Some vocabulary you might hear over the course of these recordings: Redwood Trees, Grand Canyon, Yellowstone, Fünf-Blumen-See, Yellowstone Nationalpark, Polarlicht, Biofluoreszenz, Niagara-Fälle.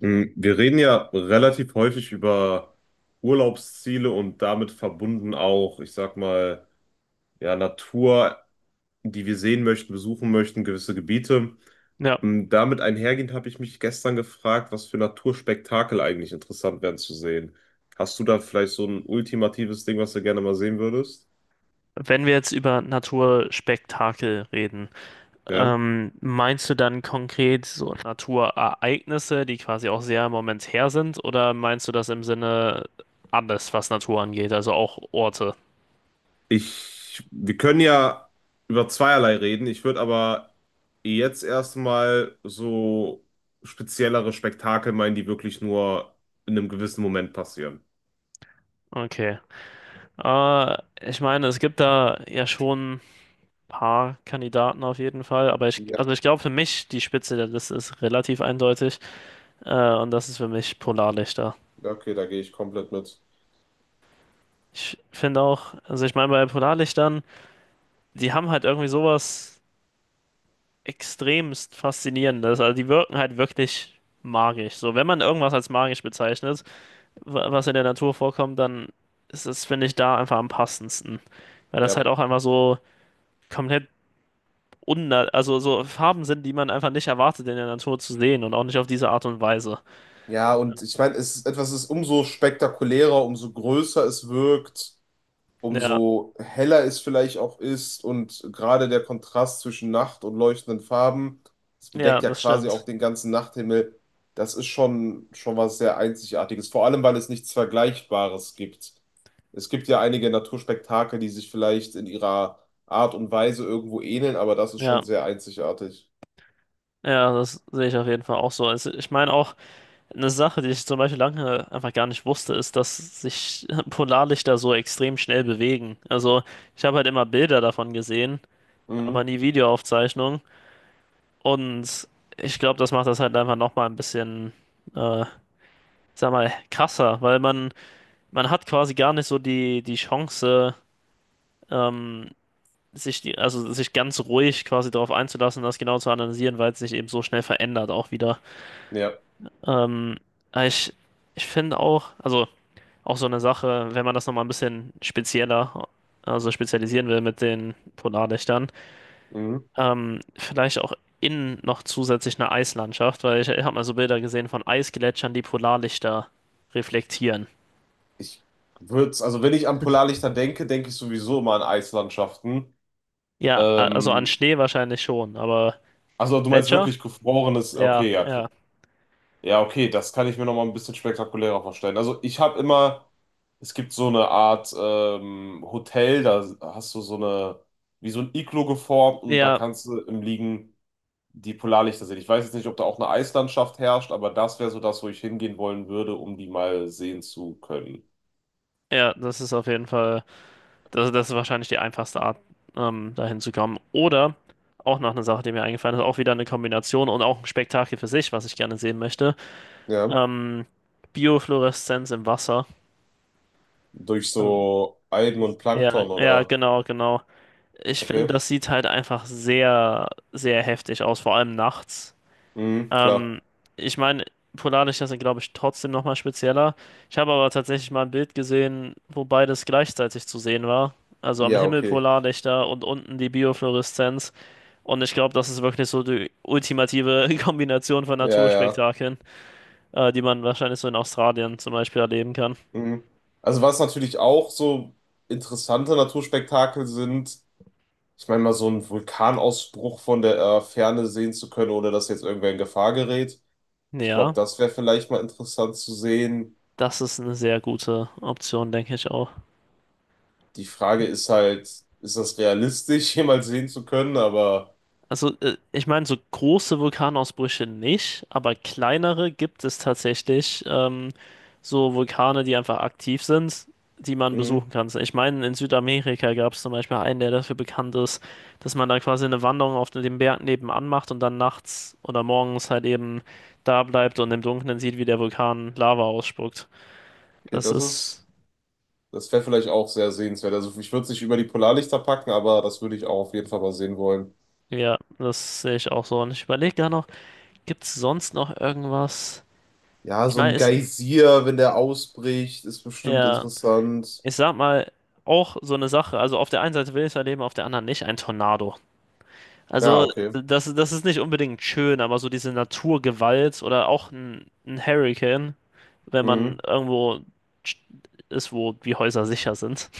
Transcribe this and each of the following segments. Wir reden ja relativ häufig über Urlaubsziele und damit verbunden auch, ich sag mal, ja, Natur, die wir sehen möchten, besuchen möchten, gewisse Gebiete. Ja, Damit einhergehend habe ich mich gestern gefragt, was für Naturspektakel eigentlich interessant wären zu sehen. Hast du da vielleicht so ein ultimatives Ding, was du gerne mal sehen würdest? wenn wir jetzt über Naturspektakel reden, Ja. Meinst du dann konkret so Naturereignisse, die quasi auch sehr momentär sind, oder meinst du das im Sinne alles, was Natur angeht, also auch Orte? Ich, wir können ja über zweierlei reden. Ich würde aber jetzt erstmal so speziellere Spektakel meinen, die wirklich nur in einem gewissen Moment passieren. Okay. Äh, Ich meine, es gibt da ja schon ein paar Kandidaten auf jeden Fall, aber Ja, also ich glaube für mich, die Spitze der Liste ist relativ eindeutig, und das ist für mich Polarlichter. okay, da gehe ich komplett mit. Ich finde auch, also ich meine, bei Polarlichtern, die haben halt irgendwie sowas extremst Faszinierendes. Also die wirken halt wirklich magisch. So, wenn man irgendwas als magisch bezeichnet, was in der Natur vorkommt, dann ist es, finde ich, da einfach am passendsten. Weil das Ja. halt auch einfach so komplett unna also so Farben sind, die man einfach nicht erwartet, in der Natur zu sehen und auch nicht auf diese Art und Weise. Ja, und ich meine, es ist etwas ist umso spektakulärer, umso größer es wirkt, Ja, umso heller es vielleicht auch ist und gerade der Kontrast zwischen Nacht und leuchtenden Farben, das ja, bedeckt ja das quasi auch stimmt. den ganzen Nachthimmel. Das ist schon was sehr Einzigartiges, vor allem weil es nichts Vergleichbares gibt. Es gibt ja einige Naturspektakel, die sich vielleicht in ihrer Art und Weise irgendwo ähneln, aber das ist Ja, schon sehr einzigartig. ja, das sehe ich auf jeden Fall auch so. Es, ich meine auch. Eine Sache, die ich zum Beispiel lange einfach gar nicht wusste, ist, dass sich Polarlichter so extrem schnell bewegen. Also ich habe halt immer Bilder davon gesehen, aber Mhm. nie Videoaufzeichnungen. Und ich glaube, das macht das halt einfach nochmal ein bisschen, äh, sag mal, krasser, weil man hat quasi gar nicht so die Chance, ähm, sich also sich ganz ruhig quasi darauf einzulassen, das genau zu analysieren, weil es sich eben so schnell verändert auch wieder. Ja. Ähm, aber ich finde auch, also. Auch so eine Sache, wenn man das nochmal ein bisschen spezieller, also spezialisieren will mit den Polarlichtern, Mhm. Vielleicht auch innen noch zusätzlich eine Eislandschaft, weil ich habe mal so Bilder gesehen von Eisgletschern, die Polarlichter reflektieren. Ich würde, also wenn ich an Polarlichter denke, denke ich sowieso immer an Eislandschaften. Ja, also an Ähm, Schnee wahrscheinlich schon, aber Also du meinst Gletscher? wirklich gefrorenes, Ja, okay, ja, k- ja, ja, okay, das kann ich mir noch mal ein bisschen spektakulärer vorstellen. Also ich habe immer, es gibt so eine Art Hotel, da hast du so eine, wie so ein Iglo geformt und da ja, kannst du im Liegen die Polarlichter sehen. Ich weiß jetzt nicht, ob da auch eine Eislandschaft herrscht, aber das wäre so das, wo ich hingehen wollen würde, um die mal sehen zu können. ja, das ist auf jeden Fall, das ist wahrscheinlich die einfachste Art, dahin zu kommen. Oder auch noch eine Sache, die mir eingefallen ist, auch wieder eine Kombination und auch ein Spektakel für sich, was ich gerne sehen möchte. Ja. Ähm, Biofluoreszenz im Wasser. Durch Ähm, so Algen und ja, Plankton ja, oder, genau, genau. Ich finde, okay, das sieht halt einfach sehr, sehr heftig aus, vor allem nachts. mhm, klar. Ähm, ich meine, Polarlichter sind, glaube ich, trotzdem nochmal spezieller. Ich habe aber tatsächlich mal ein Bild gesehen, wo beides gleichzeitig zu sehen war. Also am Ja, Himmel okay. Polarlichter und unten die Biofluoreszenz. Und ich glaube, das ist wirklich so die ultimative Kombination von Ja, ja. Naturspektakeln, die man wahrscheinlich so in Australien zum Beispiel erleben kann. Mhm. Also was natürlich auch so interessante Naturspektakel sind, ich meine mal so einen Vulkanausbruch von der Ferne sehen zu können, ohne dass jetzt irgendwer in Gefahr gerät. Ich glaube, Ja. das wäre vielleicht mal interessant zu sehen. Das ist eine sehr gute Option, denke ich auch. Die Frage ist halt, ist das realistisch, jemals sehen zu können? Aber Also, ich meine, so große Vulkanausbrüche nicht, aber kleinere gibt es tatsächlich. So Vulkane, die einfach aktiv sind, die man mh, besuchen kann. So, ich meine, in Südamerika gab es zum Beispiel einen, der dafür bekannt ist, dass man da quasi eine Wanderung auf dem Berg nebenan macht und dann nachts oder morgens halt eben da bleibt und im Dunkeln sieht, wie der Vulkan Lava ausspuckt. okay, Das das ist, ist, das wäre vielleicht auch sehr sehenswert. Also ich würde es nicht über die Polarlichter packen, aber das würde ich auch auf jeden Fall mal sehen wollen. ja, das sehe ich auch so. Und ich überlege gerade noch. Gibt's sonst noch irgendwas? Ja, Ich so ein meine, ist, Geysir, wenn der ausbricht, ist bestimmt ja, interessant. ich sag mal, auch so eine Sache, also auf der einen Seite will ich es erleben, auf der anderen nicht, ein Tornado. Ja, Also, okay. das, das ist nicht unbedingt schön, aber so diese Naturgewalt oder auch ein Hurricane, wenn man Mhm. irgendwo ist, wo die Häuser sicher sind.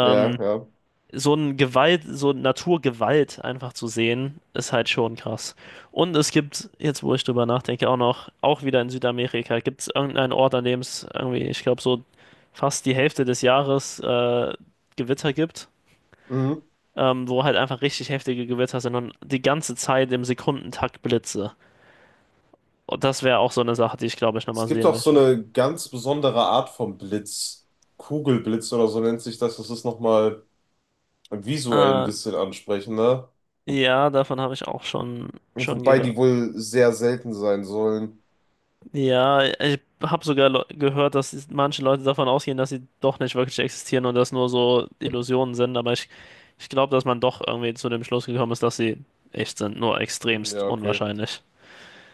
Ja, ja. so ein Gewalt, so Naturgewalt einfach zu sehen, ist halt schon krass. Und es gibt, jetzt wo ich drüber nachdenke, auch noch, auch wieder in Südamerika, gibt es irgendeinen Ort, an dem es irgendwie, ich glaube, so fast die Hälfte des Jahres Gewitter gibt, Mhm. Wo halt einfach richtig heftige Gewitter sind und die ganze Zeit im Sekundentakt Blitze. Und das wäre auch so eine Sache, die ich glaube ich Es nochmal gibt sehen auch so möchte. eine ganz besondere Art von Blitz. Kugelblitz oder so nennt sich das. Das ist nochmal visuell ein Äh, bisschen ansprechender. ja, davon habe ich auch schon Wobei die gehört. wohl sehr selten sein sollen. Ja, ich habe sogar gehört, dass manche Leute davon ausgehen, dass sie doch nicht wirklich existieren und das nur so Illusionen sind, aber ich glaube, dass man doch irgendwie zu dem Schluss gekommen ist, dass sie echt sind, nur extremst Ja, okay. unwahrscheinlich.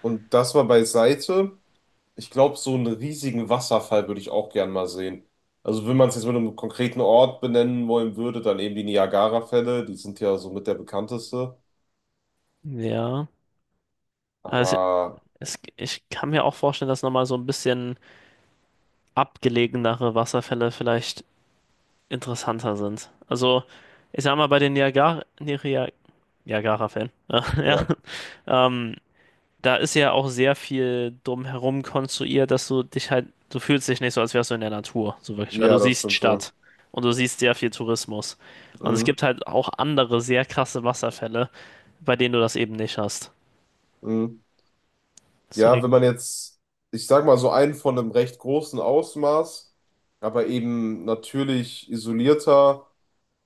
Und das mal beiseite. Ich glaube, so einen riesigen Wasserfall würde ich auch gern mal sehen. Also, wenn man es jetzt mit einem konkreten Ort benennen wollen würde, dann eben die Niagara-Fälle. Die sind ja somit der bekannteste. Ja, also Aber es, ich kann mir auch vorstellen, dass nochmal so ein bisschen abgelegenere Wasserfälle vielleicht interessanter sind. Also, ich sag mal, bei den Niagara-Fällen, ja, ja, ja, ähm, da ist ja auch sehr viel drumherum konstruiert, dass du dich halt, du fühlst dich nicht so, als wärst du in der Natur, so wirklich, weil du ja, das siehst stimmt wohl. Stadt und du siehst sehr viel Tourismus. Und es Mhm. gibt halt auch andere sehr krasse Wasserfälle, bei denen du das eben nicht hast. Mhm. Ja, wenn Deswegen, man jetzt, ich sag mal so einen von einem recht großen Ausmaß, aber eben natürlich isolierter,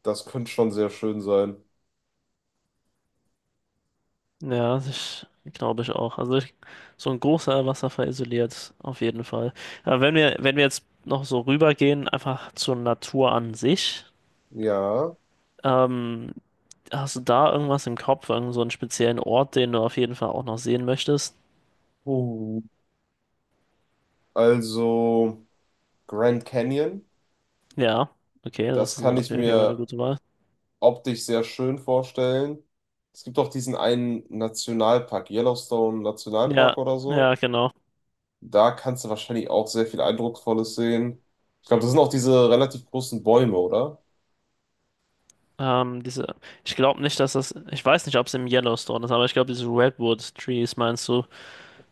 das könnte schon sehr schön sein. ja, ich glaube ich auch. Also ich, so ein großer Wasserfall isoliert, auf jeden Fall. Aber wenn wir jetzt noch so rübergehen, einfach zur Natur an sich, Ja. ähm, hast du da irgendwas im Kopf, irgend so einen speziellen Ort, den du auf jeden Fall auch noch sehen möchtest? Uh. Also Grand Canyon, Ja, okay, das das ist eine, kann ich okay, okay, war eine mir gute Wahl. optisch sehr schön vorstellen. Es gibt auch diesen einen Nationalpark, Yellowstone Ja, Nationalpark oder ja, so. genau. Da kannst du wahrscheinlich auch sehr viel Eindrucksvolles sehen. Ich glaube, das sind auch diese relativ großen Bäume, oder? Ähm, diese, ich glaube nicht, dass das, ich weiß nicht, ob es im Yellowstone ist, aber ich glaube, diese Redwood Trees meinst du,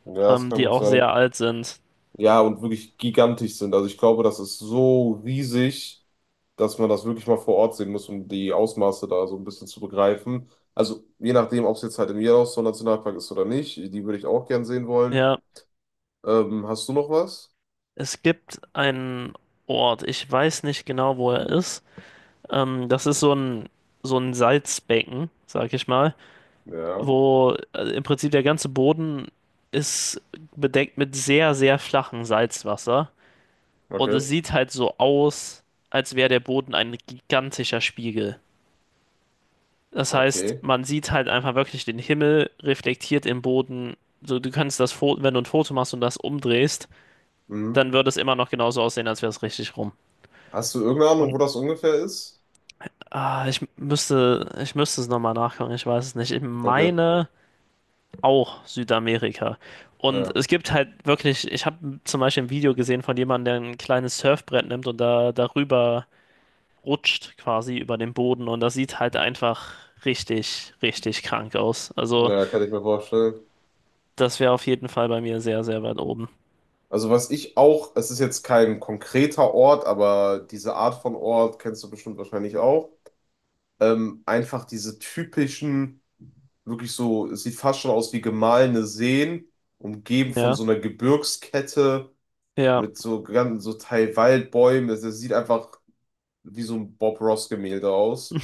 Ja, das kann die gut auch sein. sehr alt sind. Ja, und wirklich gigantisch sind. Also ich glaube, das ist so riesig, dass man das wirklich mal vor Ort sehen muss, um die Ausmaße da so ein bisschen zu begreifen. Also je nachdem, ob es jetzt halt im Yellowstone Nationalpark ist oder nicht, die würde ich auch gern sehen wollen. Ja, Hast du noch was? es gibt einen Ort, ich weiß nicht genau, wo er ist. Das ist so ein Salzbecken, sag ich mal, Ja, wo im Prinzip der ganze Boden ist bedeckt mit sehr, sehr flachem Salzwasser. Und es okay. sieht halt so aus, als wäre der Boden ein gigantischer Spiegel. Das heißt, Okay. man sieht halt einfach wirklich den Himmel reflektiert im Boden. So, du kannst das Foto, wenn du ein Foto machst und das umdrehst, Mhm. dann würde es immer noch genauso aussehen, als wäre es richtig rum. Hast du irgendeine Ahnung, wo Und das ungefähr ist? ah, ich müsste es nochmal nachgucken, ich weiß es nicht. Ich Okay, meine auch Südamerika. Und ja, es gibt halt wirklich, ich habe zum Beispiel ein Video gesehen von jemandem, der ein kleines Surfbrett nimmt und da darüber rutscht quasi über den Boden und das sieht halt einfach richtig, richtig krank aus. Also, ja, kann ich mir vorstellen. das wäre auf jeden Fall bei mir sehr, sehr weit oben. Also was ich auch, es ist jetzt kein konkreter Ort, aber diese Art von Ort kennst du bestimmt wahrscheinlich auch. Einfach diese typischen, wirklich so, es sieht fast schon aus wie gemahlene Seen, umgeben von Ja, so einer Gebirgskette ja, mit so ganz, so Teil Waldbäumen. Es sieht einfach wie so ein Bob Ross-Gemälde aus.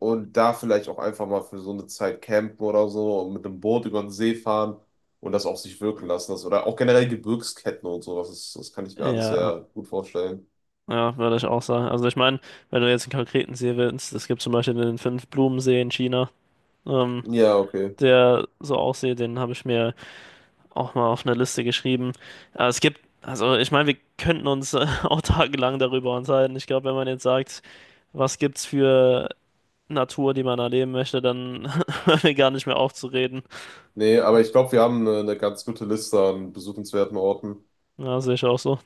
Und da vielleicht auch einfach mal für so eine Zeit campen oder so und mit einem Boot über den See fahren und das auf sich wirken lassen. Das, oder auch generell Gebirgsketten und sowas. Das, das kann ich mir alles ja, sehr gut vorstellen. ja, würde ich auch sagen. Also, ich meine, wenn du jetzt einen konkreten See willst, es gibt zum Beispiel den Fünf-Blumen-See in China, ähm, Ja, okay. der so aussieht, den habe ich mir auch mal auf eine Liste geschrieben. Es gibt, also, ich meine, wir könnten uns auch tagelang darüber unterhalten. Ich glaube, wenn man jetzt sagt, was gibt's für Natur, die man erleben möchte, dann hört mir gar nicht mehr auf zu reden. Nee, aber ich glaube, wir haben eine ganz gute Liste an besuchenswerten Orten. Ja, sehe ich auch so.